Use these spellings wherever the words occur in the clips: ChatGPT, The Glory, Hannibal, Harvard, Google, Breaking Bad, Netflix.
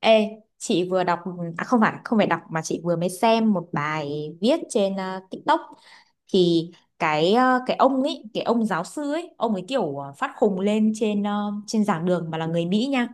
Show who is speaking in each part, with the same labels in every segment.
Speaker 1: Ê, chị vừa đọc, à không phải đọc mà chị vừa mới xem một bài viết trên TikTok. Thì cái ông ấy, cái ông giáo sư ấy, ông ấy kiểu phát khùng lên trên giảng đường, mà là người Mỹ nha.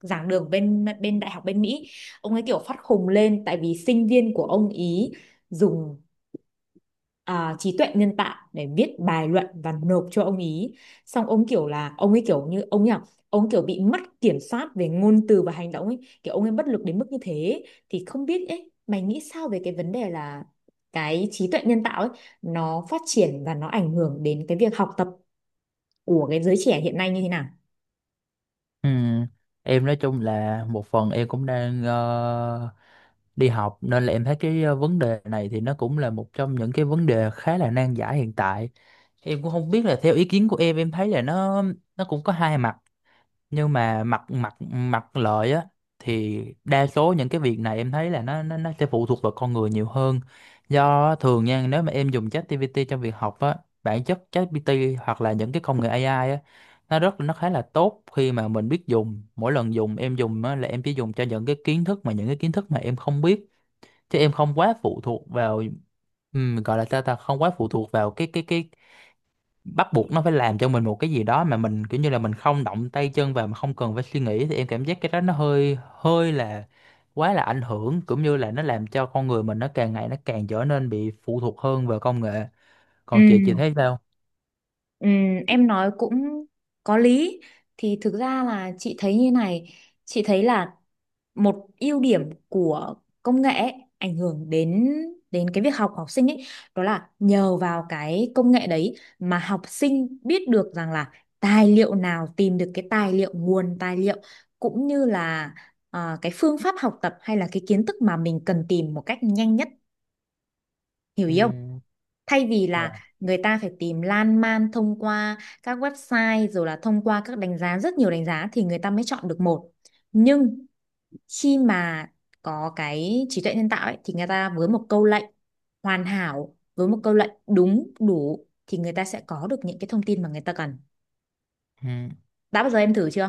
Speaker 1: Giảng đường bên bên đại học bên Mỹ. Ông ấy kiểu phát khùng lên tại vì sinh viên của ông ý dùng trí tuệ nhân tạo để viết bài luận và nộp cho ông ý. Xong ông kiểu là ông ấy kiểu như ông nhỉ, ông kiểu bị mất kiểm soát về ngôn từ và hành động ấy, kiểu ông ấy bất lực đến mức như thế. Thì không biết ấy, mày nghĩ sao về cái vấn đề là cái trí tuệ nhân tạo ấy nó phát triển và nó ảnh hưởng đến cái việc học tập của cái giới trẻ hiện nay như thế nào?
Speaker 2: Ừ. Em nói chung là một phần em cũng đang đi học nên là em thấy cái vấn đề này thì nó cũng là một trong những cái vấn đề khá là nan giải hiện tại. Em cũng không biết là theo ý kiến của em thấy là nó cũng có hai mặt, nhưng mà mặt mặt mặt lợi á thì đa số những cái việc này em thấy là nó sẽ phụ thuộc vào con người nhiều hơn. Do thường nha, nếu mà em dùng ChatGPT trong việc học á, bản chất ChatGPT hoặc là những cái công nghệ AI á, nó khá là tốt khi mà mình biết dùng. Mỗi lần dùng em dùng á, là em chỉ dùng cho những cái kiến thức mà em không biết, chứ em không quá phụ thuộc vào gọi là sao ta, không quá phụ thuộc vào cái bắt buộc nó phải làm cho mình một cái gì đó mà mình kiểu như là mình không động tay chân vào, mà không cần phải suy nghĩ. Thì em cảm giác cái đó nó hơi hơi là quá là ảnh hưởng, cũng như là nó làm cho con người mình nó càng ngày nó càng trở nên bị phụ thuộc hơn vào công nghệ.
Speaker 1: Ừ.
Speaker 2: Còn chị thấy sao?
Speaker 1: Ừm. Em nói cũng có lý. Thì thực ra là chị thấy như này, chị thấy là một ưu điểm của công nghệ ấy ảnh hưởng đến đến cái việc học của học sinh ấy, đó là nhờ vào cái công nghệ đấy mà học sinh biết được rằng là tài liệu nào, tìm được cái tài liệu, nguồn tài liệu, cũng như là cái phương pháp học tập hay là cái kiến thức mà mình cần tìm một cách nhanh nhất. Hiểu
Speaker 2: Ừ.
Speaker 1: ý không? Thay vì
Speaker 2: Dạ.
Speaker 1: là người ta phải tìm lan man thông qua các website, rồi là thông qua các đánh giá, rất nhiều đánh giá thì người ta mới chọn được một. Nhưng khi mà có cái trí tuệ nhân tạo ấy thì người ta với một câu lệnh hoàn hảo, với một câu lệnh đúng đủ, thì người ta sẽ có được những cái thông tin mà người ta cần.
Speaker 2: Ừ.
Speaker 1: Đã bao giờ em thử chưa?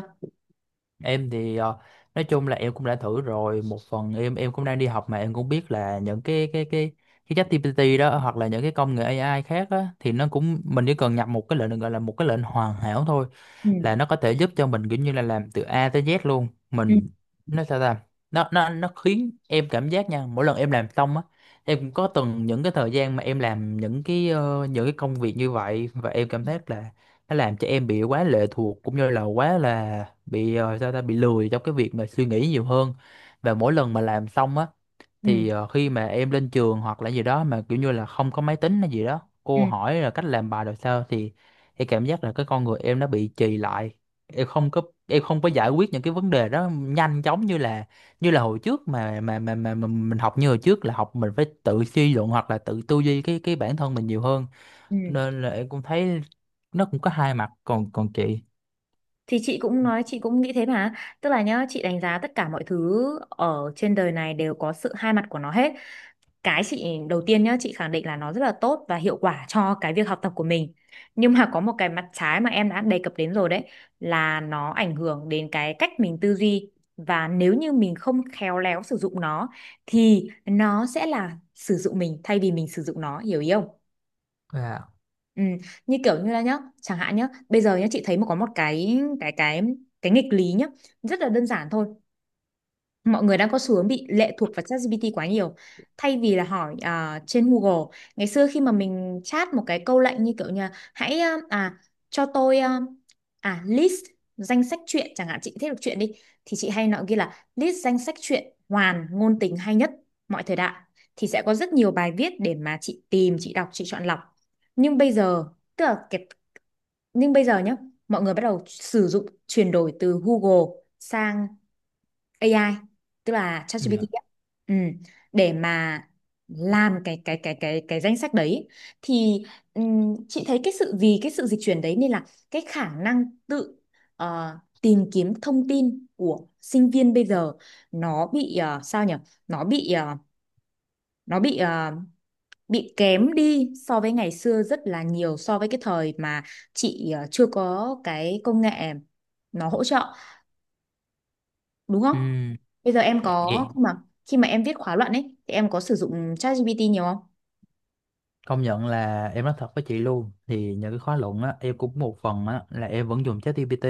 Speaker 2: Em thì nói chung là em cũng đã thử rồi. Một phần em cũng đang đi học mà, em cũng biết là những cái cái ChatGPT đó hoặc là những cái công nghệ AI khác á, thì nó cũng mình chỉ cần nhập một cái lệnh gọi là một cái lệnh hoàn hảo thôi là
Speaker 1: Ừ.
Speaker 2: nó có thể giúp cho mình kiểu như là làm từ A tới Z luôn.
Speaker 1: Ừ.
Speaker 2: Mình, nó sao ta, nó khiến em cảm giác nha, mỗi lần em làm xong á, em cũng có từng những cái thời gian mà em làm những cái những cái công việc như vậy, và em cảm giác là nó làm cho em bị quá lệ thuộc cũng như là quá là bị ờ, sao ta bị lười trong cái việc mà suy nghĩ nhiều hơn. Và mỗi lần mà làm xong á
Speaker 1: Ừ.
Speaker 2: thì khi mà em lên trường hoặc là gì đó mà kiểu như là không có máy tính hay gì đó,
Speaker 1: Ừ.
Speaker 2: cô hỏi là cách làm bài rồi sao, thì em cảm giác là cái con người em nó bị trì lại. Em không có giải quyết những cái vấn đề đó nhanh chóng như là hồi trước. Mà mình học như hồi trước là học mình phải tự suy luận hoặc là tự tư duy cái bản thân mình nhiều hơn.
Speaker 1: Ừ.
Speaker 2: Nên là em cũng thấy nó cũng có hai mặt. Còn còn chị?
Speaker 1: Thì chị cũng nói, chị cũng nghĩ thế mà. Tức là nhá, chị đánh giá tất cả mọi thứ ở trên đời này đều có sự hai mặt của nó hết. Cái chị đầu tiên nhá, chị khẳng định là nó rất là tốt và hiệu quả cho cái việc học tập của mình, nhưng mà có một cái mặt trái mà em đã đề cập đến rồi đấy, là nó ảnh hưởng đến cái cách mình tư duy. Và nếu như mình không khéo léo sử dụng nó thì nó sẽ là sử dụng mình thay vì mình sử dụng nó. Hiểu ý không?
Speaker 2: À,
Speaker 1: Ừ. Như kiểu như là nhá, chẳng hạn nhá, bây giờ nhá, chị thấy mà có một cái nghịch lý nhá, rất là đơn giản thôi. Mọi người đang có xu hướng bị lệ thuộc vào ChatGPT quá nhiều thay vì là hỏi trên Google. Ngày xưa khi mà mình chat một cái câu lệnh như kiểu như là, hãy cho tôi list danh sách truyện chẳng hạn, chị thích đọc truyện đi, thì chị hay nói ghi là list danh sách truyện hoàn ngôn tình hay nhất mọi thời đại, thì sẽ có rất nhiều bài viết để mà chị tìm, chị đọc, chị chọn lọc. Nhưng bây giờ tức là cái, nhưng bây giờ nhá, mọi người bắt đầu sử dụng chuyển đổi từ Google sang AI, tức là ChatGPT
Speaker 2: dạ.
Speaker 1: á. Ừ. Để mà làm cái danh sách đấy thì chị thấy cái sự, vì cái sự dịch chuyển đấy nên là cái khả năng tự tìm kiếm thông tin của sinh viên bây giờ nó bị sao nhỉ, nó bị ờ, nó bị ờ, bị kém đi so với ngày xưa rất là nhiều, so với cái thời mà chị chưa có cái công nghệ nó hỗ trợ, đúng không?
Speaker 2: ừ,
Speaker 1: Bây giờ em có khi mà em viết khóa luận ấy thì em có sử dụng ChatGPT nhiều không?
Speaker 2: Công nhận là em nói thật với chị luôn, thì những cái khóa luận á em cũng một phần á là em vẫn dùng ChatGPT.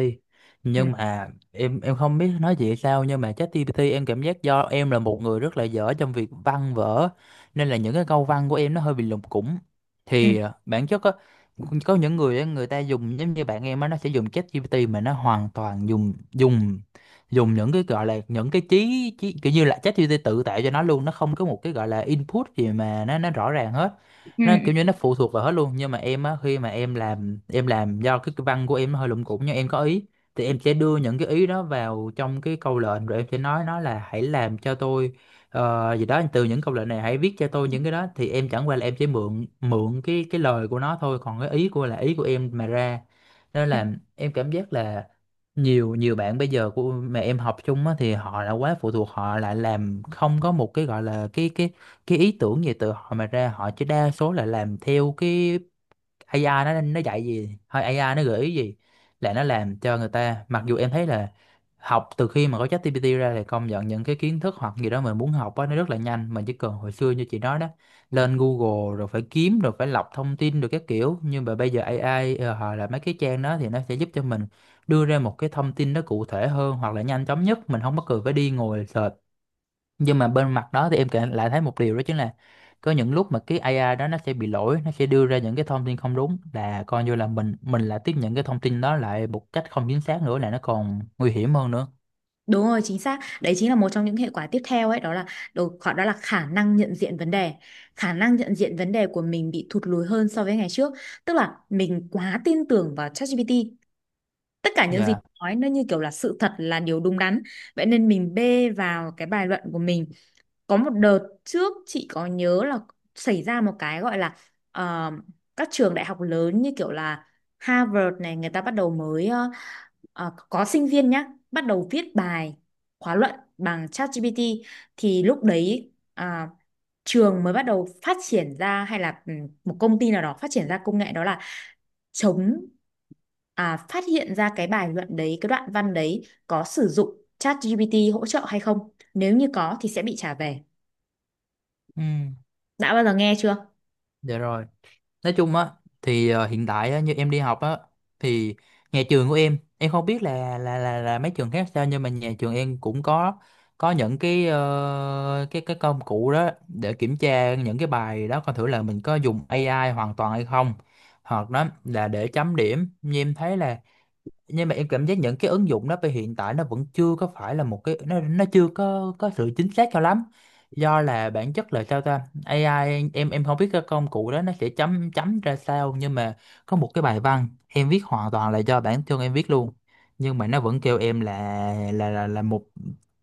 Speaker 1: Ừ.
Speaker 2: Nhưng mà em không biết nói chị sao, nhưng mà ChatGPT em cảm giác, do em là một người rất là dở trong việc văn vở, nên là những cái câu văn của em nó hơi bị lủng củng.
Speaker 1: Ừ.
Speaker 2: Thì bản chất á, có những người á, người ta dùng giống như bạn em á, nó sẽ dùng ChatGPT mà nó hoàn toàn dùng dùng dùng những cái gọi là những cái trí kiểu như là ChatGPT tự tạo cho nó luôn, nó không có một cái gọi là input gì mà nó rõ ràng hết.
Speaker 1: Ừ.
Speaker 2: Nó
Speaker 1: Ừ.
Speaker 2: kiểu như nó phụ thuộc vào hết luôn. Nhưng mà em á, khi mà em làm do cái văn của em nó hơi lủng củng nhưng em có ý, thì em sẽ đưa những cái ý đó vào trong cái câu lệnh rồi em sẽ nói nó là hãy làm cho tôi gì đó, từ những câu lệnh này hãy viết cho tôi những cái đó. Thì em chẳng qua là em chỉ mượn mượn cái lời của nó thôi, còn cái ý của là ý của em mà ra. Nên
Speaker 1: Ừ.
Speaker 2: là em cảm giác là nhiều nhiều bạn bây giờ của mà em học chung á, thì họ đã quá phụ thuộc, họ lại làm không có một cái gọi là cái ý tưởng về từ họ mà ra, họ chỉ đa số là làm theo cái AI nó dạy gì hay AI nó gợi ý gì, là nó làm cho người ta. Mặc dù em thấy là học từ khi mà có ChatGPT ra thì công nhận những cái kiến thức hoặc gì đó mình muốn học á nó rất là nhanh, mình chỉ cần hồi xưa như chị nói đó, lên Google rồi phải kiếm rồi phải lọc thông tin rồi các kiểu, nhưng mà bây giờ AI họ là mấy cái trang đó thì nó sẽ giúp cho mình đưa ra một cái thông tin nó cụ thể hơn hoặc là nhanh chóng nhất, mình không có cần phải đi ngồi search. Nhưng mà bên mặt đó thì em kể lại thấy một điều đó chính là có những lúc mà cái AI đó nó sẽ bị lỗi, nó sẽ đưa ra những cái thông tin không đúng, là coi như là mình là tiếp nhận cái thông tin đó lại một cách không chính xác, nữa là nó còn nguy hiểm hơn nữa.
Speaker 1: Đúng rồi, chính xác. Đấy chính là một trong những hệ quả tiếp theo ấy, đó là đó là khả năng nhận diện vấn đề. Khả năng nhận diện vấn đề của mình bị thụt lùi hơn so với ngày trước, tức là mình quá tin tưởng vào ChatGPT. Tất cả những gì
Speaker 2: Dạ.
Speaker 1: nói nó như kiểu là sự thật, là điều đúng đắn. Vậy nên mình bê vào cái bài luận của mình. Có một đợt trước chị có nhớ là xảy ra một cái gọi là ờ, các trường đại học lớn như kiểu là Harvard này, người ta bắt đầu mới có sinh viên nhá bắt đầu viết bài khóa luận bằng ChatGPT. Thì lúc đấy trường mới bắt đầu phát triển ra, hay là một công ty nào đó phát triển ra công nghệ đó là chống, phát hiện ra cái bài luận đấy, cái đoạn văn đấy có sử dụng ChatGPT hỗ trợ hay không, nếu như có thì sẽ bị trả về.
Speaker 2: Ừ.
Speaker 1: Đã bao giờ nghe chưa?
Speaker 2: Dạ rồi. Nói chung á, thì hiện tại á, như em đi học á, thì nhà trường của em không biết là mấy trường khác sao, nhưng mà nhà trường em cũng có những cái cái công cụ đó để kiểm tra những cái bài đó, coi thử là mình có dùng AI hoàn toàn hay không, hoặc đó là để chấm điểm, như em thấy là. Nhưng mà em cảm giác những cái ứng dụng đó về hiện tại nó vẫn chưa có phải là một cái, nó chưa có có sự chính xác cho lắm. Do là bản chất là sao ta, AI, em không biết cái công cụ đó nó sẽ chấm chấm ra sao, nhưng mà có một cái bài văn em viết hoàn toàn là do bản thân em viết luôn, nhưng mà nó vẫn kêu em là là một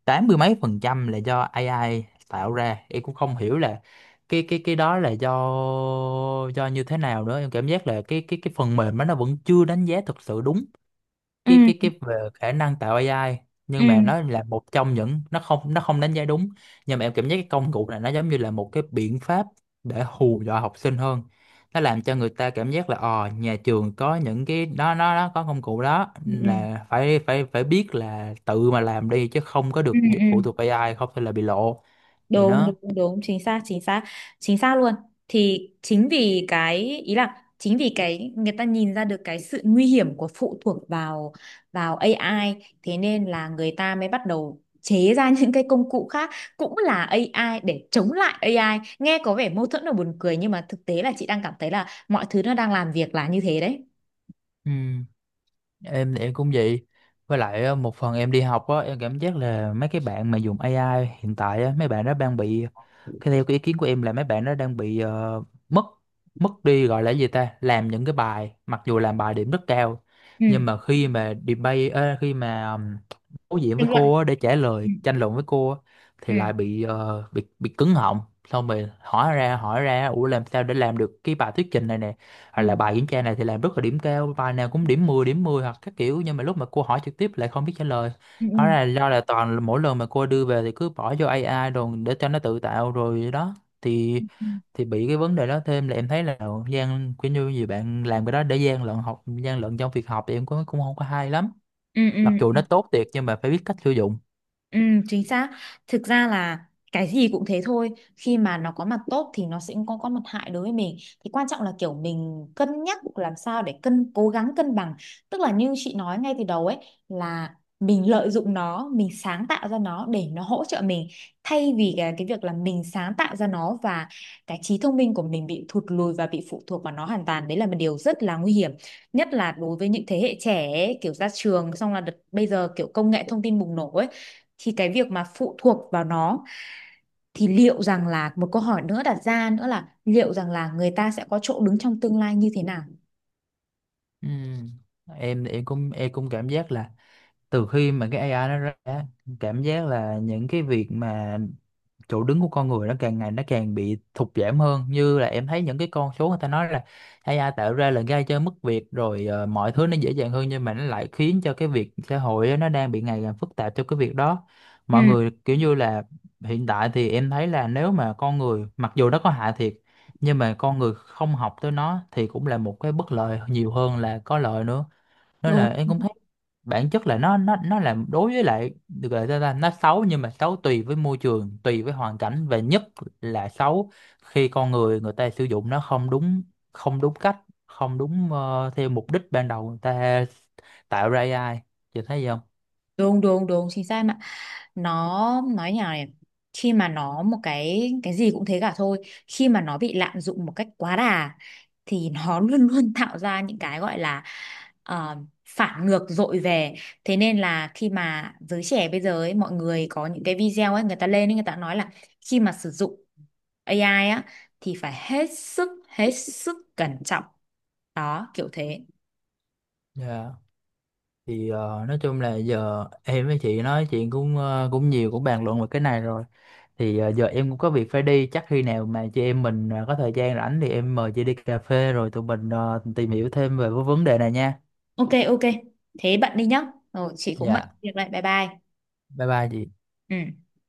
Speaker 2: tám mươi mấy phần trăm là do AI tạo ra. Em cũng không hiểu là cái đó là do như thế nào nữa. Em cảm giác là cái phần mềm đó nó vẫn chưa đánh giá thực sự đúng
Speaker 1: Ừ.
Speaker 2: cái về khả năng tạo AI,
Speaker 1: Ừ.
Speaker 2: nhưng mà nó là một trong những, nó không đánh giá đúng. Nhưng mà em cảm giác cái công cụ này nó giống như là một cái biện pháp để hù dọa học sinh hơn, nó làm cho người ta cảm giác là, ờ, nhà trường có những cái đó, nó có công cụ đó,
Speaker 1: Ừ. Ừ.
Speaker 2: là phải phải phải biết là tự mà làm đi chứ không có
Speaker 1: Ừ.
Speaker 2: được
Speaker 1: Ừ.
Speaker 2: phụ thuộc AI, không thì là bị lộ vậy
Speaker 1: Đúng
Speaker 2: đó.
Speaker 1: đúng đúng, chính xác chính xác. Chính xác luôn. Thì chính vì cái, ý là chính vì cái, người ta nhìn ra được cái sự nguy hiểm của phụ thuộc vào vào AI, thế nên là người ta mới bắt đầu chế ra những cái công cụ khác cũng là AI để chống lại AI. Nghe có vẻ mâu thuẫn và buồn cười, nhưng mà thực tế là chị đang cảm thấy là mọi thứ nó đang làm việc là như thế đấy.
Speaker 2: Ừ. Em thì em cũng vậy. Với lại á, một phần em đi học á, em cảm giác là mấy cái bạn mà dùng AI hiện tại á, mấy bạn đó đang bị cái, theo cái ý kiến của em là mấy bạn đó đang bị mất mất đi gọi là cái gì ta, làm những cái bài mặc dù làm bài điểm rất cao,
Speaker 1: Ừ.
Speaker 2: nhưng mà khi mà debate, khi mà đối diện với
Speaker 1: Tranh luận.
Speaker 2: cô á, để trả
Speaker 1: Ừ.
Speaker 2: lời tranh luận với cô á, thì
Speaker 1: Ừ.
Speaker 2: lại bị bị cứng họng. Xong rồi hỏi ra, ủa làm sao để làm được cái bài thuyết trình này nè,
Speaker 1: Ừ.
Speaker 2: hoặc là
Speaker 1: Ừ.
Speaker 2: bài kiểm tra này thì làm rất là điểm cao bài nào cũng điểm 10 điểm 10 hoặc các kiểu, nhưng mà lúc mà cô hỏi trực tiếp lại không biết trả lời.
Speaker 1: Ừ.
Speaker 2: Hóa ra là do là toàn là mỗi lần mà cô đưa về thì cứ bỏ vô AI rồi để cho nó tự tạo rồi đó. Thì
Speaker 1: Ừ.
Speaker 2: bị cái vấn đề đó. Thêm là em thấy là gian, kiểu như gì bạn làm cái đó để gian lận học, gian lận trong việc học, thì em cũng cũng không có hay lắm.
Speaker 1: Ừ.
Speaker 2: Mặc
Speaker 1: Ừ.
Speaker 2: dù nó tốt thiệt nhưng mà phải biết cách sử dụng.
Speaker 1: Ừ, chính xác. Thực ra là cái gì cũng thế thôi. Khi mà nó có mặt tốt thì nó sẽ có mặt hại đối với mình. Thì quan trọng là kiểu mình cân nhắc làm sao để cố gắng cân bằng. Tức là như chị nói ngay từ đầu ấy là mình lợi dụng nó, mình sáng tạo ra nó để nó hỗ trợ mình, thay vì cái việc là mình sáng tạo ra nó và cái trí thông minh của mình bị thụt lùi và bị phụ thuộc vào nó hoàn toàn. Đấy là một điều rất là nguy hiểm. Nhất là đối với những thế hệ trẻ ấy, kiểu ra trường xong là đợt, bây giờ kiểu công nghệ thông tin bùng nổ ấy, thì cái việc mà phụ thuộc vào nó, thì liệu rằng là, một câu hỏi nữa đặt ra nữa là liệu rằng là người ta sẽ có chỗ đứng trong tương lai như thế nào?
Speaker 2: Ừm, em em cũng cảm giác là từ khi mà cái AI nó ra á, cảm giác là những cái việc mà chỗ đứng của con người nó càng ngày nó càng bị thụt giảm hơn. Như là em thấy những cái con số người ta nói là AI tạo ra là gây cho mất việc rồi, mọi thứ nó dễ dàng hơn, nhưng mà nó lại khiến cho cái việc xã hội á, nó đang bị ngày càng phức tạp cho cái việc đó.
Speaker 1: Ừ,
Speaker 2: Mọi người kiểu như là, hiện tại thì em thấy là nếu mà con người mặc dù nó có hại thiệt, nhưng mà con người không học tới nó thì cũng là một cái bất lợi nhiều hơn là có lợi nữa. Nên
Speaker 1: đúng
Speaker 2: là em cũng thấy bản chất là nó là đối với lại được gọi là ta, nó xấu, nhưng mà xấu tùy với môi trường, tùy với hoàn cảnh, và nhất là xấu khi con người người ta sử dụng nó không đúng, cách, không đúng theo mục đích ban đầu người ta tạo ra AI. Chị thấy không?
Speaker 1: đúng đúng đúng, chính xác mà. Nó nói nhào này, khi mà nó, một cái gì cũng thế cả thôi. Khi mà nó bị lạm dụng một cách quá đà thì nó luôn luôn tạo ra những cái gọi là ờ, phản ngược dội về. Thế nên là khi mà giới trẻ bây giờ ấy, mọi người có những cái video ấy, người ta lên ấy, người ta nói là khi mà sử dụng AI á thì phải hết sức cẩn trọng, đó kiểu thế.
Speaker 2: Dạ. Thì nói chung là giờ em với chị nói chuyện cũng cũng nhiều, cũng bàn luận về cái này rồi, thì giờ em cũng có việc phải đi. Chắc khi nào mà chị em mình có thời gian rảnh thì em mời chị đi cà phê rồi tụi mình tìm hiểu thêm về cái vấn đề này nha.
Speaker 1: OK OK, thế bạn đi nhá, rồi chị cũng bận
Speaker 2: Dạ
Speaker 1: việc lại, bye bye.
Speaker 2: bye bye chị.
Speaker 1: Ừ.